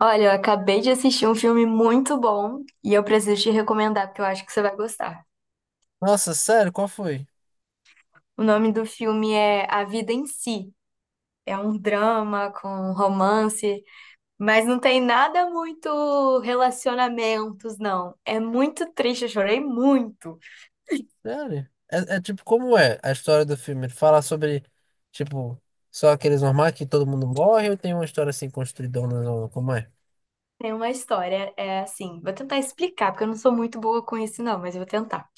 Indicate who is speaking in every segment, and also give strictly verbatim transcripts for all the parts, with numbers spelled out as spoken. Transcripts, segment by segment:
Speaker 1: Olha, eu acabei de assistir um filme muito bom e eu preciso te recomendar porque eu acho que você vai gostar.
Speaker 2: Nossa, sério? Qual foi?
Speaker 1: O nome do filme é A Vida em Si. É um drama com romance, mas não tem nada muito relacionamentos, não. É muito triste, eu chorei muito.
Speaker 2: Sério? É, é tipo, como é a história do filme? Ele fala sobre, tipo, só aqueles normais que todo mundo morre ou tem uma história assim construidona? Não? Como é?
Speaker 1: Tem uma história, é assim, vou tentar explicar, porque eu não sou muito boa com isso, não, mas eu vou tentar.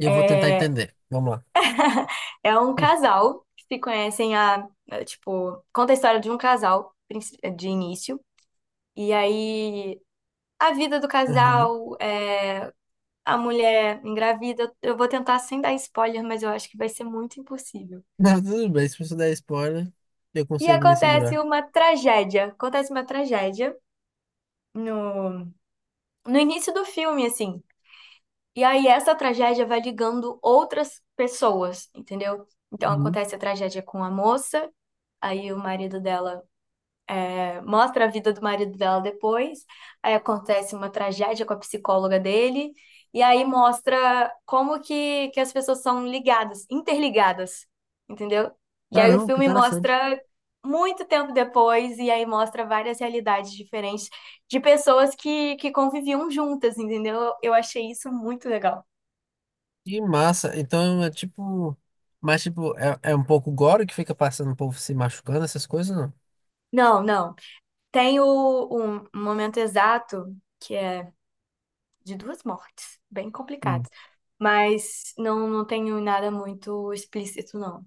Speaker 2: E eu vou tentar
Speaker 1: É,
Speaker 2: entender. Vamos lá.
Speaker 1: é um casal que se conhecem a, tipo, conta a história de um casal princi- de início. E aí a vida do
Speaker 2: Uhum.
Speaker 1: casal, é, a mulher engravida. Eu vou tentar sem dar spoiler, mas eu acho que vai ser muito impossível.
Speaker 2: Não, tudo bem, se você der spoiler, eu
Speaker 1: E
Speaker 2: consigo me
Speaker 1: acontece
Speaker 2: segurar.
Speaker 1: uma tragédia. Acontece uma tragédia no, no início do filme, assim. E aí essa tragédia vai ligando outras pessoas, entendeu? Então
Speaker 2: Uhum.
Speaker 1: acontece a tragédia com a moça, aí o marido dela mostra a vida do marido dela depois, aí acontece uma tragédia com a psicóloga dele, e aí mostra como que, que as pessoas são ligadas, interligadas, entendeu? E aí o
Speaker 2: Caramba, que
Speaker 1: filme
Speaker 2: interessante.
Speaker 1: mostra muito tempo depois, e aí mostra várias realidades diferentes de pessoas que, que conviviam juntas, entendeu? Eu achei isso muito legal.
Speaker 2: Que massa. Então é tipo. Mas tipo, é, é um pouco gore que fica passando o povo se machucando, essas coisas, não?
Speaker 1: Não, não. Tem o, o momento exato, que é de duas mortes, bem
Speaker 2: Hum.
Speaker 1: complicadas. Mas não, não tenho nada muito explícito, não.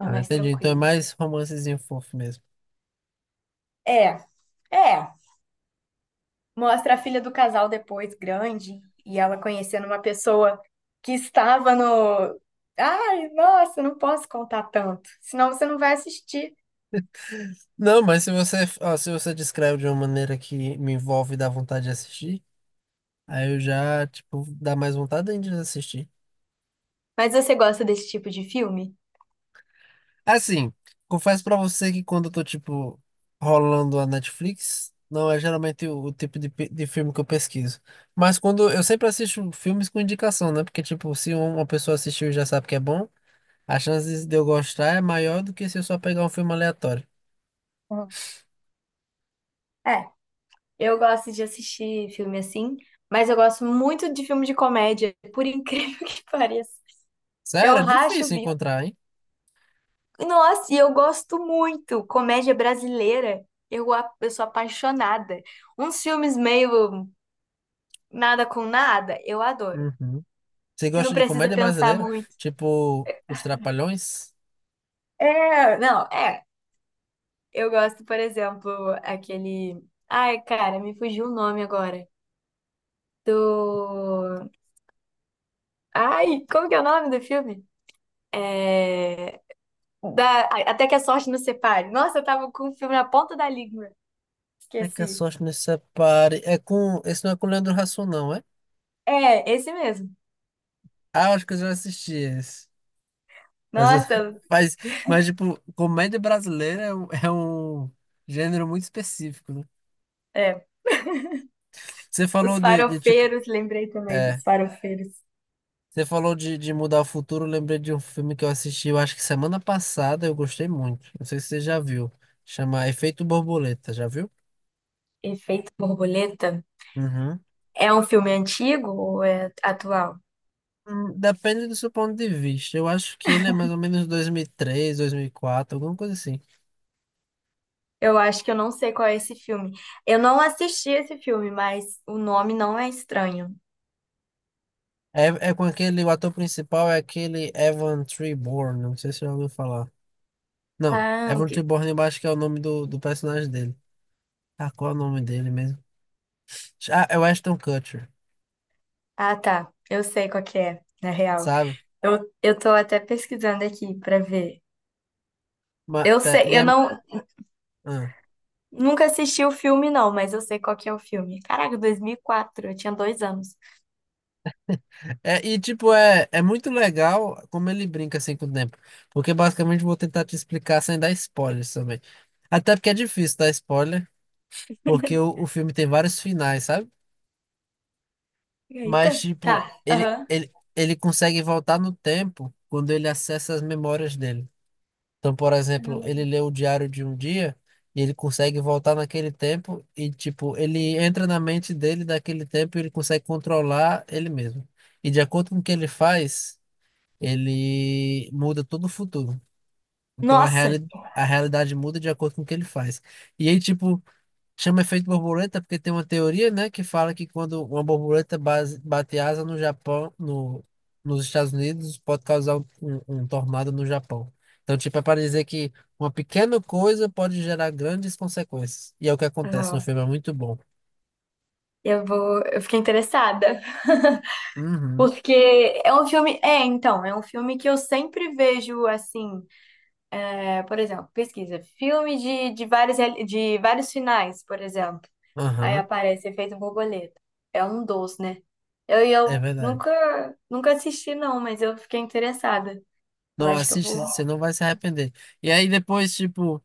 Speaker 1: É mais
Speaker 2: entendi. Então é
Speaker 1: tranquilo.
Speaker 2: mais romancezinho fofo mesmo.
Speaker 1: É, é. Mostra a filha do casal depois, grande, e ela conhecendo uma pessoa que estava no. Ai, nossa, não posso contar tanto, senão você não vai assistir.
Speaker 2: Não, mas se você, ó, se você descreve de uma maneira que me envolve e dá vontade de assistir, aí eu já, tipo, dá mais vontade ainda de assistir.
Speaker 1: Mas você gosta desse tipo de filme?
Speaker 2: Assim, confesso pra você que quando eu tô, tipo, rolando a Netflix, não é geralmente o, o tipo de, pe- de filme que eu pesquiso. Mas quando eu sempre assisto filmes com indicação, né? Porque, tipo, se um- uma pessoa assistiu e já sabe que é bom, a chance de eu gostar é maior do que se eu só pegar um filme aleatório.
Speaker 1: Uhum. É, eu gosto de assistir filme assim, mas eu gosto muito de filme de comédia, por incrível que pareça.
Speaker 2: Sério,
Speaker 1: Eu
Speaker 2: é
Speaker 1: racho o
Speaker 2: difícil
Speaker 1: bico.
Speaker 2: encontrar, hein?
Speaker 1: Nossa, e eu gosto muito. Comédia brasileira, eu, a- eu sou apaixonada. Uns filmes meio nada com nada, eu adoro.
Speaker 2: Uhum. Você
Speaker 1: Que não
Speaker 2: gosta de
Speaker 1: precisa
Speaker 2: comédia
Speaker 1: pensar
Speaker 2: brasileira?
Speaker 1: muito.
Speaker 2: Tipo, Os Trapalhões?
Speaker 1: É, não, é. Eu gosto, por exemplo, aquele. Ai, cara, me fugiu o nome agora. Do. Ai, como que é o nome do filme? É. Da... Até que a sorte nos separe. Nossa, eu tava com o filme na ponta da língua.
Speaker 2: É que a
Speaker 1: Esqueci.
Speaker 2: sorte nos separe. É com. Esse não é com o Leandro Hassum, não, é?
Speaker 1: É, esse mesmo.
Speaker 2: Ah, eu acho que eu já assisti esse. Mas, eu-
Speaker 1: Nossa,
Speaker 2: mas, mas tipo, comédia brasileira é um, é um gênero muito específico, né?
Speaker 1: é.
Speaker 2: Você
Speaker 1: Os
Speaker 2: falou de, de, tipo.
Speaker 1: Farofeiros, lembrei também dos
Speaker 2: É.
Speaker 1: Farofeiros.
Speaker 2: Você falou de, de mudar o futuro. Eu lembrei de um filme que eu assisti, eu acho que semana passada, eu gostei muito. Não sei se você já viu. Chama Efeito Borboleta, já viu?
Speaker 1: Efeito Borboleta.
Speaker 2: Uhum.
Speaker 1: É um filme antigo ou é atual?
Speaker 2: Hum, Depende do seu ponto de vista. Eu acho que ele é mais ou menos dois mil e três, dois mil e quatro, alguma coisa assim.
Speaker 1: Eu acho que eu não sei qual é esse filme. Eu não assisti esse filme, mas o nome não é estranho.
Speaker 2: É, é com aquele, o ator principal é aquele Evan Treborn, não sei se você já ouviu falar. Não,
Speaker 1: Ah, o
Speaker 2: Evan
Speaker 1: que...
Speaker 2: Treborn eu acho que é o nome do, do personagem dele. Ah, qual é o nome dele mesmo? Ah, é o Ashton Kutcher,
Speaker 1: Ah, tá. Eu sei qual que é, na real.
Speaker 2: sabe?
Speaker 1: Eu, eu tô até pesquisando aqui pra ver.
Speaker 2: Mas,
Speaker 1: Eu
Speaker 2: tá, e
Speaker 1: sei, eu
Speaker 2: é,
Speaker 1: não
Speaker 2: ah.
Speaker 1: nunca assisti o filme, não, mas eu sei qual que é o filme. Caraca, dois mil e quatro, eu tinha dois anos.
Speaker 2: É, e tipo, é, é muito legal como ele brinca assim com o tempo. Porque basicamente eu vou tentar te explicar sem dar spoilers também. Até porque é difícil dar spoiler. Porque o, o filme tem vários finais, sabe? Mas,
Speaker 1: Eita.
Speaker 2: tipo,
Speaker 1: Tá.
Speaker 2: ele,
Speaker 1: Aham.
Speaker 2: ele, ele consegue voltar no tempo quando ele acessa as memórias dele. Então, por exemplo, ele
Speaker 1: Aham.
Speaker 2: lê o diário de um dia e ele consegue voltar naquele tempo e, tipo, ele entra na mente dele daquele tempo e ele consegue controlar ele mesmo. E de acordo com o que ele faz, ele muda todo o futuro. Então, a
Speaker 1: Nossa!
Speaker 2: reali- a realidade muda de acordo com o que ele faz. E aí, tipo, chama efeito borboleta porque tem uma teoria, né, que fala que quando uma borboleta base- bate asa no Japão, no, nos Estados Unidos, pode causar um, um- um tornado no Japão. Então, tipo, é para dizer que uma pequena coisa pode gerar grandes consequências. E é o que acontece no filme, é muito bom.
Speaker 1: Eu vou, eu fiquei interessada,
Speaker 2: Uhum,
Speaker 1: porque é um filme, é, então, é um filme que eu sempre vejo assim, é, por exemplo, pesquisa, filme de, de vários reali- de vários finais, por exemplo. Aí
Speaker 2: aham,
Speaker 1: aparece Efeito Borboleta. É um dos, né? Eu e
Speaker 2: é
Speaker 1: eu
Speaker 2: verdade.
Speaker 1: nunca nunca assisti não, mas eu fiquei interessada. Eu
Speaker 2: Não,
Speaker 1: acho que eu vou.
Speaker 2: assiste, você não vai se arrepender. E aí depois, tipo,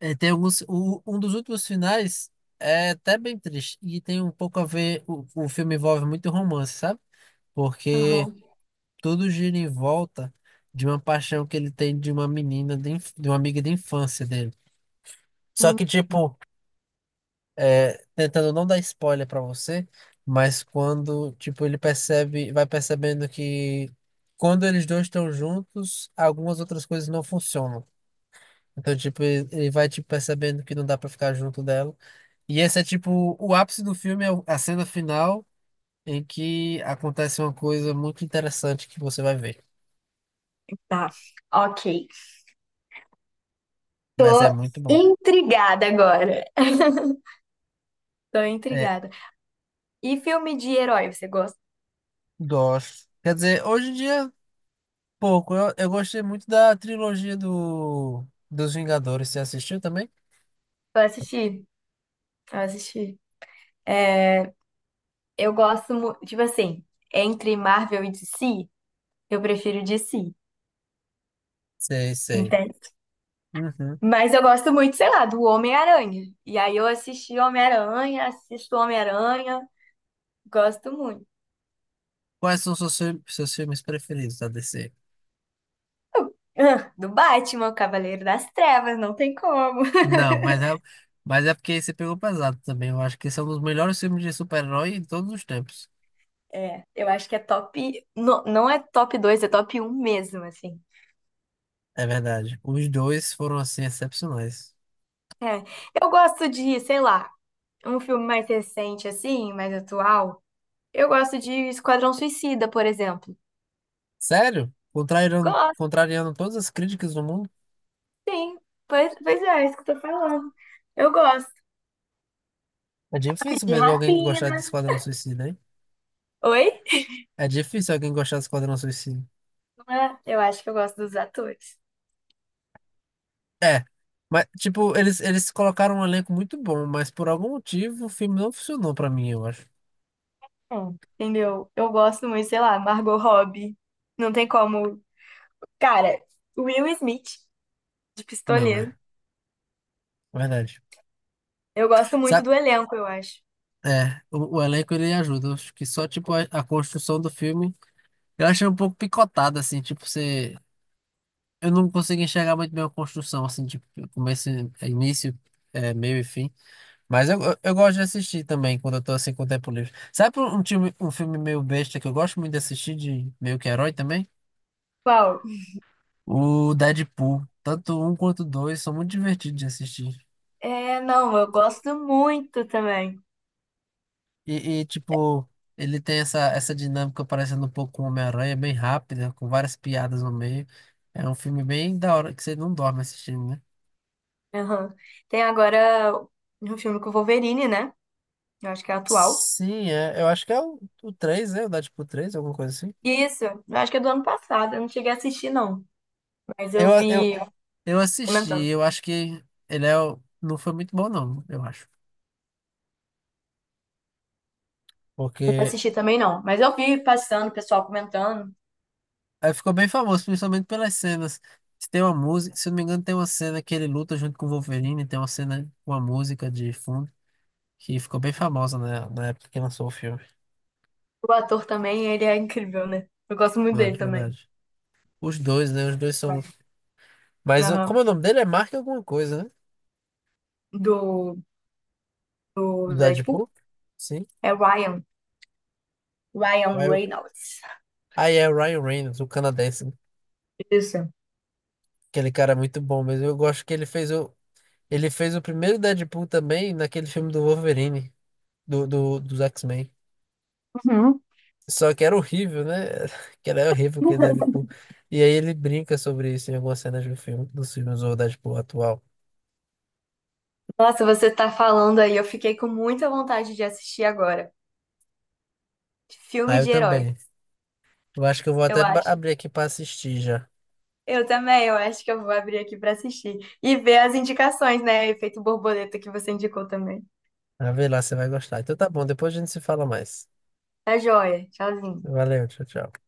Speaker 2: eh, tem alguns, o- um dos últimos finais é até bem triste. E tem um pouco a ver, o, o filme envolve muito romance, sabe? Porque
Speaker 1: Aham.
Speaker 2: tudo gira em volta de uma paixão que ele tem de uma menina, de, inf- de uma amiga de infância dele. Só
Speaker 1: Hum,
Speaker 2: que, tipo, é, tentando não dar spoiler pra você, mas quando, tipo, ele percebe, vai percebendo que quando eles dois estão juntos, algumas outras coisas não funcionam. Então, tipo, ele ele vai, tipo, percebendo que não dá pra ficar junto dela. E esse é, tipo, o ápice do filme, é o- a cena final em que acontece uma coisa muito interessante que você vai ver.
Speaker 1: tá. Ok.
Speaker 2: Mas é
Speaker 1: Tô
Speaker 2: muito bom.
Speaker 1: intrigada agora. Tô
Speaker 2: É,
Speaker 1: intrigada. E filme de herói, você gosta?
Speaker 2: gosto. Quer dizer, hoje em dia, pouco. Eu, eu gostei muito da trilogia do, dos Vingadores. Você assistiu também?
Speaker 1: Eu assisti. Eu assisti. É, eu gosto, mu- tipo assim, entre Marvel e D C, eu prefiro D C,
Speaker 2: Sei, sei.
Speaker 1: entende?
Speaker 2: Uhum.
Speaker 1: Mas eu gosto muito, sei lá, do Homem-Aranha. E aí eu assisti Homem-Aranha, assisto Homem-Aranha, gosto muito.
Speaker 2: Quais são seus, fi- seus filmes preferidos da D C?
Speaker 1: Eu- Ah, do Batman, o Cavaleiro das Trevas, não tem como.
Speaker 2: Não, mas é, mas é porque você pegou pesado também. Eu acho que são os melhores filmes de super-herói em todos os tempos.
Speaker 1: É, eu acho que é top. Não, não é top dois, é top um mesmo, assim.
Speaker 2: É verdade. Os dois foram, assim, excepcionais.
Speaker 1: É, eu gosto de, sei lá, um filme mais recente, assim, mais atual. Eu gosto de Esquadrão Suicida, por exemplo.
Speaker 2: Sério? Contrariando, contrariando todas as críticas do mundo?
Speaker 1: Sim, pois, pois é, é isso que eu tô falando. Eu gosto
Speaker 2: É difícil
Speaker 1: de
Speaker 2: mesmo alguém gostar de
Speaker 1: rapina.
Speaker 2: Esquadrão Suicida, hein?
Speaker 1: Oi?
Speaker 2: É difícil alguém gostar de Esquadrão Suicida.
Speaker 1: Não é? Eu acho que eu gosto dos atores.
Speaker 2: É, mas tipo, eles, eles colocaram um elenco muito bom, mas por algum motivo o filme não funcionou pra mim, eu acho.
Speaker 1: Hum. Entendeu? Eu gosto muito, sei lá, Margot Robbie. Não tem como. Cara, Will Smith, de
Speaker 2: Não,
Speaker 1: Pistoleiro.
Speaker 2: é, é verdade.
Speaker 1: Eu gosto muito
Speaker 2: Sabe?
Speaker 1: do elenco, eu acho.
Speaker 2: É, o, o elenco ele ajuda. Eu acho que só tipo a, a construção do filme, eu achei um pouco picotada assim, tipo, você eu não consegui enxergar muito bem a construção assim, tipo, começo, e- início, é, meio e fim. Mas eu, eu, eu gosto de assistir também quando eu tô assim com o tempo livre. Sabe um, um filme, um filme meio besta que eu gosto muito de assistir de meio que herói também?
Speaker 1: Qual?
Speaker 2: O Deadpool, tanto um quanto dois, são muito divertidos de assistir.
Speaker 1: É, não, eu gosto muito também.
Speaker 2: E, e, tipo, ele tem essa, essa dinâmica parecendo um pouco com Homem-Aranha, bem rápida, com várias piadas no meio. É um filme bem da hora que você não dorme assistindo, né?
Speaker 1: Aham. Tem agora um filme com o Wolverine, né? Eu acho que é atual.
Speaker 2: Sim, é, eu acho que é o, o três, né? O Deadpool três alguma coisa assim.
Speaker 1: Isso, eu acho que é do ano passado. Eu não cheguei a assistir, não. Mas eu
Speaker 2: Eu, eu,
Speaker 1: vi
Speaker 2: eu assisti,
Speaker 1: comentando.
Speaker 2: eu acho que ele é, o- não foi muito bom, não, eu acho. Porque
Speaker 1: Assisti também não, mas eu vi passando, o pessoal comentando.
Speaker 2: aí ficou bem famoso, principalmente pelas cenas. Se tem uma música, se eu não me engano, tem uma cena que ele luta junto com o Wolverine, tem uma cena, com uma música de fundo, que ficou bem famosa na, na época que lançou o filme.
Speaker 1: O ator também, ele é incrível, né? Eu gosto muito
Speaker 2: Não é
Speaker 1: dele também.
Speaker 2: verdade? Os dois, né? Os dois são.
Speaker 1: Ryan.
Speaker 2: Mas o- como
Speaker 1: Aham.
Speaker 2: é o nome dele é Mark alguma coisa, né?
Speaker 1: Do,
Speaker 2: Do
Speaker 1: do Deadpool?
Speaker 2: Deadpool? Sim.
Speaker 1: É Ryan. Ryan
Speaker 2: Aí o-
Speaker 1: Reynolds.
Speaker 2: aí é o Ryan Reynolds, o canadense.
Speaker 1: Isso.
Speaker 2: Aquele cara é muito bom, mas eu gosto que ele fez o. Ele fez o primeiro Deadpool também naquele filme do Wolverine, do, do, dos X-Men.
Speaker 1: Uhum.
Speaker 2: Só que era horrível, né? Que era horrível que ele Deadpool. E aí ele brinca sobre isso em algumas cenas do filme, dos filmes do Deadpool atual.
Speaker 1: Nossa, você tá falando aí, eu fiquei com muita vontade de assistir agora.
Speaker 2: Aí
Speaker 1: Filme
Speaker 2: eu
Speaker 1: de herói,
Speaker 2: também. Eu acho que eu vou
Speaker 1: eu
Speaker 2: até ba-
Speaker 1: acho.
Speaker 2: abrir aqui pra assistir já.
Speaker 1: Eu também, eu acho que eu vou abrir aqui pra assistir. E ver as indicações, né? Efeito borboleta que você indicou também.
Speaker 2: Pra ver lá você vai gostar. Então tá bom, depois a gente se fala mais.
Speaker 1: Tá joia. Tchauzinho.
Speaker 2: Valeu, tchau, tchau.